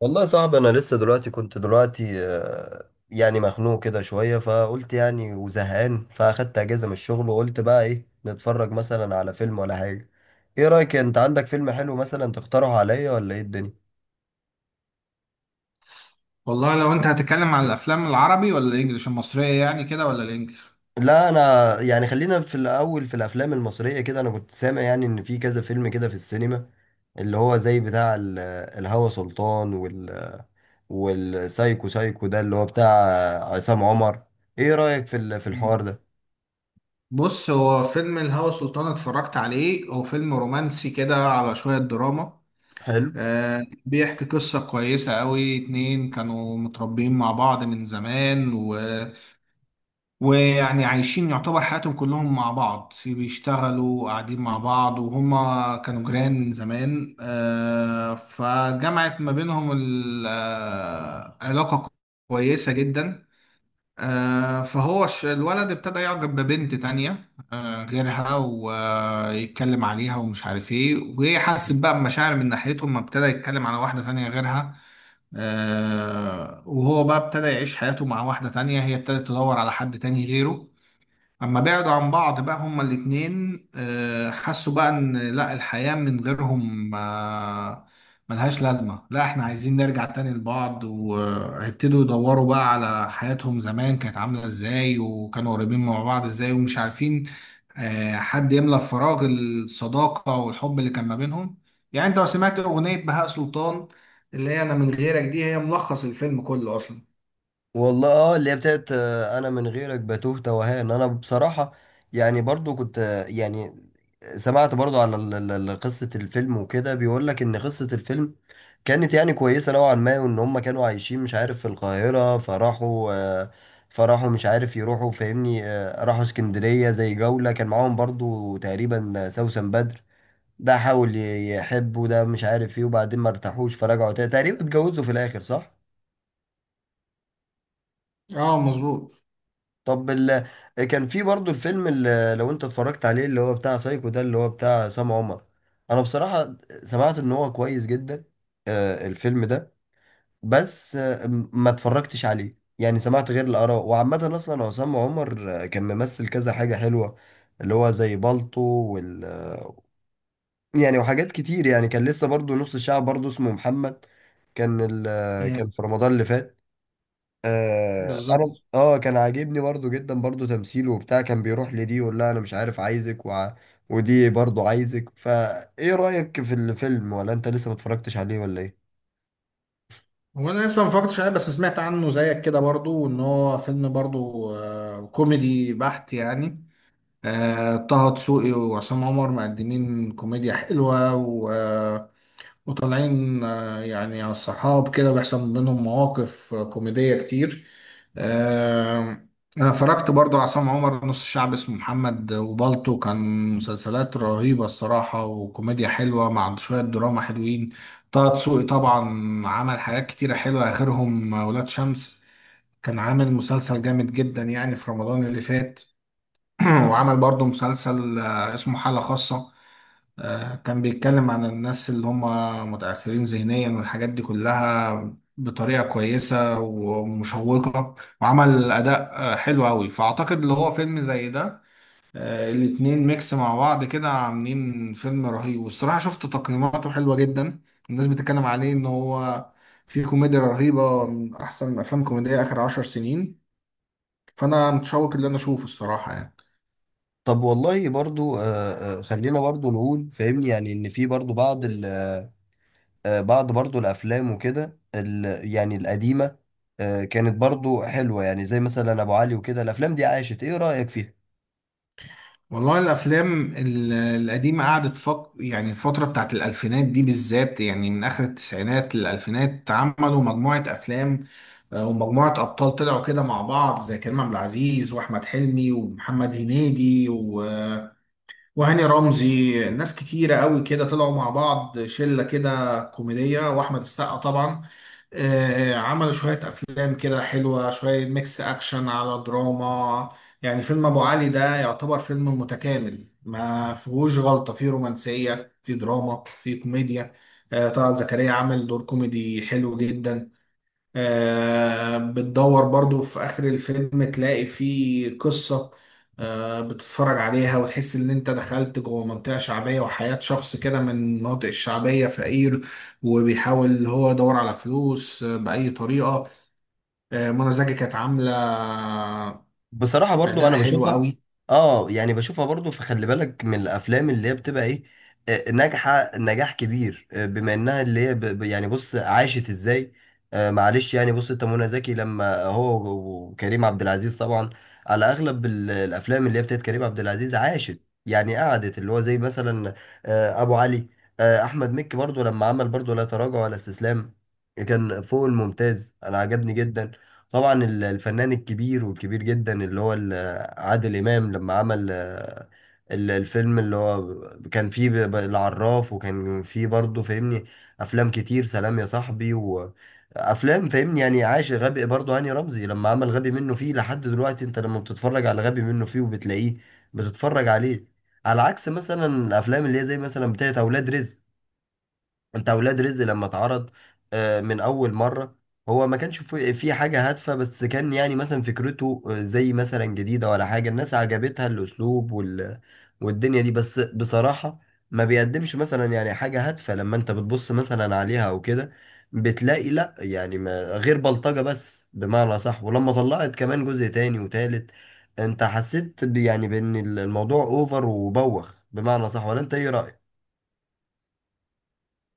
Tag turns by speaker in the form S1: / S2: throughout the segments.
S1: والله صعب. انا لسه دلوقتي كنت دلوقتي، مخنوق كده شويه، فقلت يعني وزهقان، فاخدت اجازه من الشغل وقلت بقى ايه، نتفرج مثلا على فيلم ولا حاجه. ايه رايك؟ انت عندك فيلم حلو مثلا تقترحه عليا، ولا ايه الدنيا؟
S2: والله لو انت هتتكلم على الافلام العربي ولا الانجليش المصريه، يعني كده، ولا الانجليش؟
S1: لا انا يعني خلينا في الاول في الافلام المصريه كده. انا كنت سامع يعني ان في كذا فيلم كده في السينما، اللي هو زي بتاع الهوى سلطان، والسايكو. سايكو ده اللي هو بتاع عصام عمر. ايه رايك في
S2: مم.
S1: الحوار ده؟
S2: بص، هو فيلم الهوى سلطان اتفرجت عليه، هو فيلم رومانسي كده على شويه دراما.
S1: حلو.
S2: بيحكي قصه كويسه قوي، اتنين كانوا متربيين مع بعض من زمان ويعني عايشين، يعتبر حياتهم كلهم مع بعض، في بيشتغلوا قاعدين مع بعض، وهما كانوا جيران من زمان. فجمعت ما بينهم علاقه كويسة جدا. فهو الولد ابتدى يعجب ببنت تانية غيرها، ويتكلم عليها ومش عارف ايه، وهي حست بقى بمشاعر من ناحيتهم ما ابتدى يتكلم على واحدة تانية غيرها. وهو بقى ابتدى يعيش حياته مع واحدة تانية، هي ابتدت تدور على حد تاني غيره. اما بعدوا عن بعض بقى، هما الاتنين حسوا بقى ان لا، الحياة من غيرهم ملهاش لازمة، لا احنا عايزين نرجع تاني لبعض. وهيبتدوا يدوروا بقى على حياتهم زمان كانت عاملة ازاي، وكانوا قريبين مع بعض ازاي، ومش عارفين حد يملى فراغ الصداقة والحب اللي كان ما بينهم. يعني انت لو سمعت اغنية بهاء سلطان، اللي هي "انا من غيرك"، دي هي ملخص الفيلم كله اصلا.
S1: والله اه، اللي هي بتاعت انا من غيرك، بتوه توهان انا بصراحة. يعني برضو كنت، سمعت برضو على قصة الفيلم وكده. بيقول لك ان قصة الفيلم كانت يعني كويسة نوعا ما، وان هم كانوا عايشين مش عارف في القاهرة، فراحوا، مش عارف يروحوا، فاهمني راحوا اسكندرية زي جولة. كان معاهم برضو تقريبا سوسن بدر. ده حاول يحب، وده مش عارف ايه، وبعدين ما ارتاحوش فرجعوا تاني، تقريبا اتجوزوا في الاخر، صح؟
S2: اه، مظبوط.
S1: طب كان في برضو الفيلم اللي لو انت اتفرجت عليه، اللي هو بتاع سايكو ده، اللي هو بتاع عصام عمر. انا بصراحة سمعت ان هو كويس جدا، الفيلم ده. بس ما اتفرجتش عليه، يعني سمعت غير الآراء. وعامة اصلا عصام عمر كان ممثل كذا حاجة حلوة، اللي هو زي بالطو وال يعني وحاجات كتير. يعني كان لسه برضو نص الشعب برضو اسمه محمد، كان ال... آه،
S2: مم.
S1: كان في رمضان اللي فات. آه انا
S2: بالظبط.
S1: اه، كان عاجبني برضو جدا برضو تمثيله وبتاع. كان بيروح لدي يقول لها انا مش عارف عايزك ودي برضو عايزك. فايه رأيك في الفيلم؟ ولا انت لسه ما اتفرجتش عليه، ولا ايه؟
S2: هو انا لسه ما فكرتش عليه، بس سمعت عنه زيك كده برضو ان هو فيلم برضو كوميدي بحت يعني. طه دسوقي وعصام عمر مقدمين كوميديا حلوة، وطالعين يعني على الصحاب، كده بيحصل بينهم مواقف كوميدية كتير. آه، أنا فرجت برضو على عصام عمر، "نص الشعب اسمه محمد" وبالطو كان مسلسلات رهيبة الصراحة، وكوميديا حلوة مع شوية دراما حلوين. طه دسوقي طبعا عمل حاجات كتيرة حلوة، آخرهم "ولاد شمس". كان عامل مسلسل جامد جدا يعني في رمضان اللي فات. وعمل برضو مسلسل اسمه "حالة خاصة". كان بيتكلم عن الناس اللي هم متأخرين ذهنيا والحاجات دي كلها بطريقة كويسة ومشوقة. وعمل أداء حلو أوي، فأعتقد اللي هو فيلم زي ده الاتنين ميكس مع بعض كده عاملين فيلم رهيب، والصراحة شفت تقييماته حلوة جدا. الناس بتتكلم عليه إن هو في كوميديا رهيبة، من أحسن أفلام كوميدية آخر 10 سنين. فأنا متشوق اللي أنا أشوفه الصراحة يعني.
S1: طب والله برضو خلينا برضو نقول فاهمني، يعني ان في برضو بعض برضو الافلام وكده ال... يعني القديمة آه كانت برضو حلوة، يعني زي مثلا ابو علي وكده. الافلام دي عاشت، ايه رأيك فيها؟
S2: والله الافلام القديمه قعدت يعني الفتره بتاعت الالفينات دي بالذات، يعني من اخر التسعينات للالفينات، عملوا مجموعه افلام. ومجموعه ابطال طلعوا كده مع بعض زي كريم عبد العزيز واحمد حلمي ومحمد هنيدي وهاني رمزي، ناس كتيرة قوي كده طلعوا مع بعض، شلة كده كوميدية، وأحمد السقا طبعا. عملوا شوية أفلام كده حلوة، شوية ميكس أكشن على دراما. يعني فيلم "أبو علي" ده يعتبر فيلم متكامل ما فيهوش غلطة، فيه رومانسية، فيه دراما، فيه كوميديا. طلعت زكريا عمل دور كوميدي حلو جدا. بتدور برضو في آخر الفيلم، تلاقي فيه قصة بتتفرج عليها وتحس إن أنت دخلت جوه منطقة شعبية، وحياة شخص كده من المناطق الشعبية فقير، وبيحاول اللي هو يدور على فلوس بأي طريقة. منى زكي كانت عاملة
S1: بصراحة برضو
S2: أداء
S1: أنا
S2: حلو
S1: بشوفها،
S2: قوي.
S1: آه يعني بشوفها برضو. فخلي بالك من الأفلام اللي هي بتبقى إيه، ناجحة نجاح كبير، بما إنها اللي هي يعني بص، عاشت إزاي. معلش يعني بص، أنت منى زكي لما وكريم عبد العزيز طبعا على أغلب الأفلام اللي هي بتاعت كريم عبد العزيز، عاشت يعني قعدت، اللي هو زي مثلا أبو علي. أحمد مكي برضو لما عمل برضو لا تراجع ولا استسلام، كان فوق الممتاز، أنا عجبني جدا. طبعا الفنان الكبير والكبير جدا اللي هو عادل إمام لما عمل الفيلم اللي هو كان فيه العراف، وكان فيه برضه فاهمني أفلام كتير: سلام يا صاحبي، وأفلام فاهمني يعني. عاش غبي برضه، هاني رمزي لما عمل غبي منه فيه. لحد دلوقتي أنت لما بتتفرج على غبي منه فيه وبتلاقيه، بتتفرج عليه. على عكس مثلا الأفلام اللي هي زي مثلا بتاعت أولاد رزق. انت اولاد رزق لما اتعرض من اول مره، هو ما كانش في في حاجه هادفه، بس كان يعني مثلا فكرته زي مثلا جديده ولا حاجه، الناس عجبتها الاسلوب والدنيا دي. بس بصراحه ما بيقدمش مثلا يعني حاجه هادفه. لما انت بتبص مثلا عليها او كده، بتلاقي لا يعني ما غير بلطجه بس، بمعنى صح. ولما طلعت كمان جزء تاني وتالت، انت حسيت يعني بان الموضوع اوفر وبوخ، بمعنى صح، ولا انت ايه رايك؟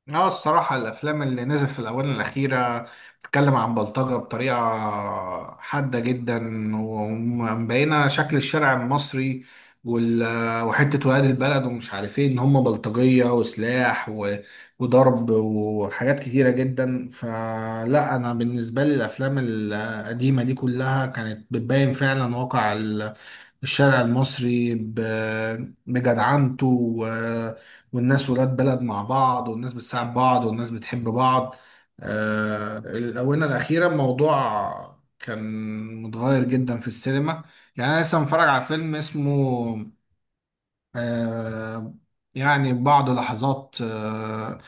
S2: اه، الصراحة الأفلام اللي نزلت في الآونة الأخيرة بتتكلم عن بلطجة بطريقة حادة جدا، ومبينة شكل الشارع المصري وال... وحتة ولاد البلد ومش عارف ايه، إن هم بلطجية وسلاح وضرب وحاجات كتيرة جدا. فلا، أنا بالنسبة لي الأفلام القديمة دي كلها كانت بتبين فعلا واقع الشارع المصري بجدعنته، و- والناس ولاد بلد مع بعض، والناس بتساعد بعض، والناس بتحب بعض. الآونة الأخيرة الموضوع كان متغير جدا في السينما. يعني أنا لسه متفرج على فيلم اسمه آه، يعني "بعض لحظات"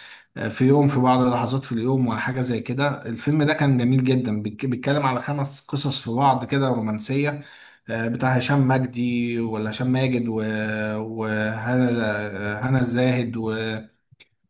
S2: "في يوم"، "في بعض لحظات في اليوم"، وحاجة زي كده. الفيلم ده كان جميل جدا، بيتكلم على خمس قصص في بعض كده رومانسية. بتاع هشام مجدي ولا هشام ماجد، وهنا الزاهد،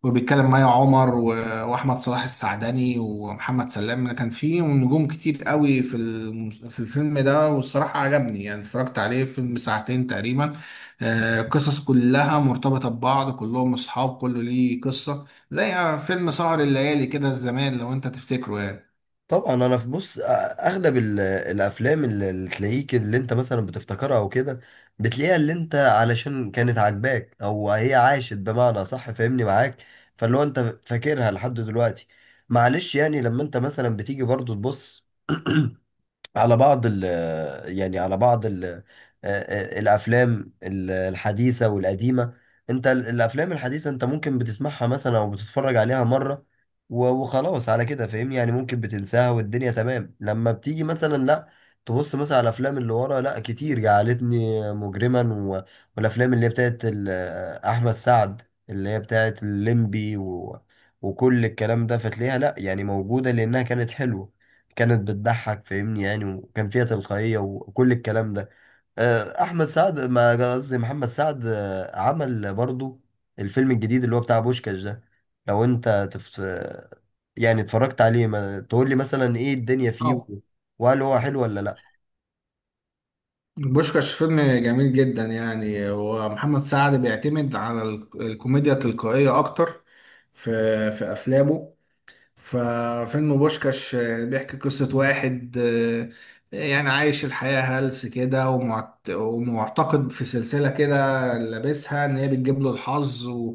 S2: وبيتكلم مي عمر، واحمد صلاح السعدني ومحمد سلام. كان فيه نجوم كتير قوي في الفيلم ده، والصراحه عجبني، يعني اتفرجت عليه، فيلم ساعتين تقريبا. القصص كلها مرتبطه ببعض، كلهم اصحاب، كله ليه قصه، زي فيلم "سهر الليالي" كده زمان لو انت تفتكره.
S1: طبعا انا في بص، اغلب الافلام اللي تلاقيك اللي انت مثلا بتفتكرها او كده، بتلاقيها اللي انت علشان كانت عاجباك، او هي عاشت بمعنى صح، فاهمني معاك، فاللي هو انت فاكرها لحد دلوقتي. معلش يعني لما انت مثلا بتيجي برضو تبص على بعض ال آه، آه، الافلام الحديثه والقديمه. انت الافلام الحديثه انت ممكن بتسمعها مثلا او بتتفرج عليها مره وخلاص على كده، فاهمني يعني ممكن بتنساها والدنيا تمام. لما بتيجي مثلا لا تبص مثلا على الافلام اللي ورا، لا كتير: جعلتني مجرما، والافلام اللي هي بتاعت احمد سعد، اللي هي بتاعت الليمبي وكل الكلام ده. فتلاقيها لا يعني موجوده لانها كانت حلوه، كانت بتضحك فاهمني، يعني وكان فيها تلقائية وكل الكلام ده. أحمد سعد، ما قصدي محمد سعد، عمل برضو الفيلم الجديد اللي هو بتاع بوشكاش ده. لو أنت تف... آه، يعني اتفرجت عليه، ما تقول لي مثلا إيه الدنيا فيه
S2: يعني
S1: وهل هو حلو ولا لأ؟
S2: "بوشكاش" فيلم جميل جدا يعني، ومحمد سعد بيعتمد على الكوميديا التلقائية أكتر في أفلامه. ففيلم "بوشكاش" بيحكي قصة واحد يعني عايش الحياة هلس كده، ومعتقد في سلسلة كده، لابسها إن هي بتجيب له الحظ،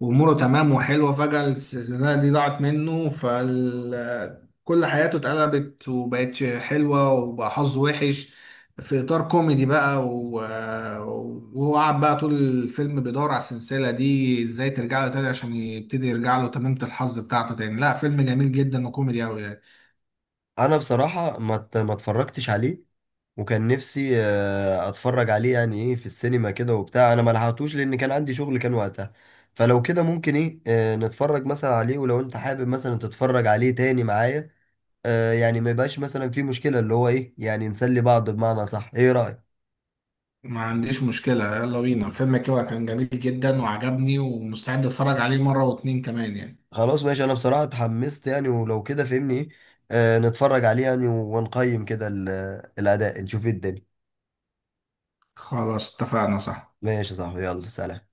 S2: وأموره تمام وحلوة. فجأة السلسلة دي ضاعت منه، فكل حياته اتقلبت وبقتش حلوة وبقى حظه وحش، في اطار كوميدي بقى وهو قعد بقى طول الفيلم بيدور على السلسله دي ازاي ترجع له تاني، عشان يبتدي يرجع له تميمه الحظ بتاعته تاني. لا، فيلم جميل جدا وكوميدي قوي يعني.
S1: أنا بصراحة ما اتفرجتش عليه، وكان نفسي اتفرج عليه يعني ايه في السينما كده وبتاع، انا ما لحقتوش لان كان عندي شغل كان وقتها. فلو كده ممكن ايه نتفرج مثلا عليه، ولو انت حابب مثلا تتفرج عليه تاني معايا، يعني ما يبقاش مثلا في مشكلة اللي هو ايه، يعني نسلي بعض بمعنى صح. ايه رأيك؟
S2: ما عنديش مشكله، يلا بينا. الفيلم كده كان جميل جدا وعجبني، ومستعد اتفرج عليه مره واتنين كمان يعني.
S1: خلاص ماشي، انا بصراحة اتحمست يعني، ولو كده فهمني ايه، نتفرج عليه يعني ونقيم كده الاداء، نشوف ايه الدنيا.
S2: خلاص، اتفقنا. صح؟
S1: ماشي يا صاحبي، يلا سلام.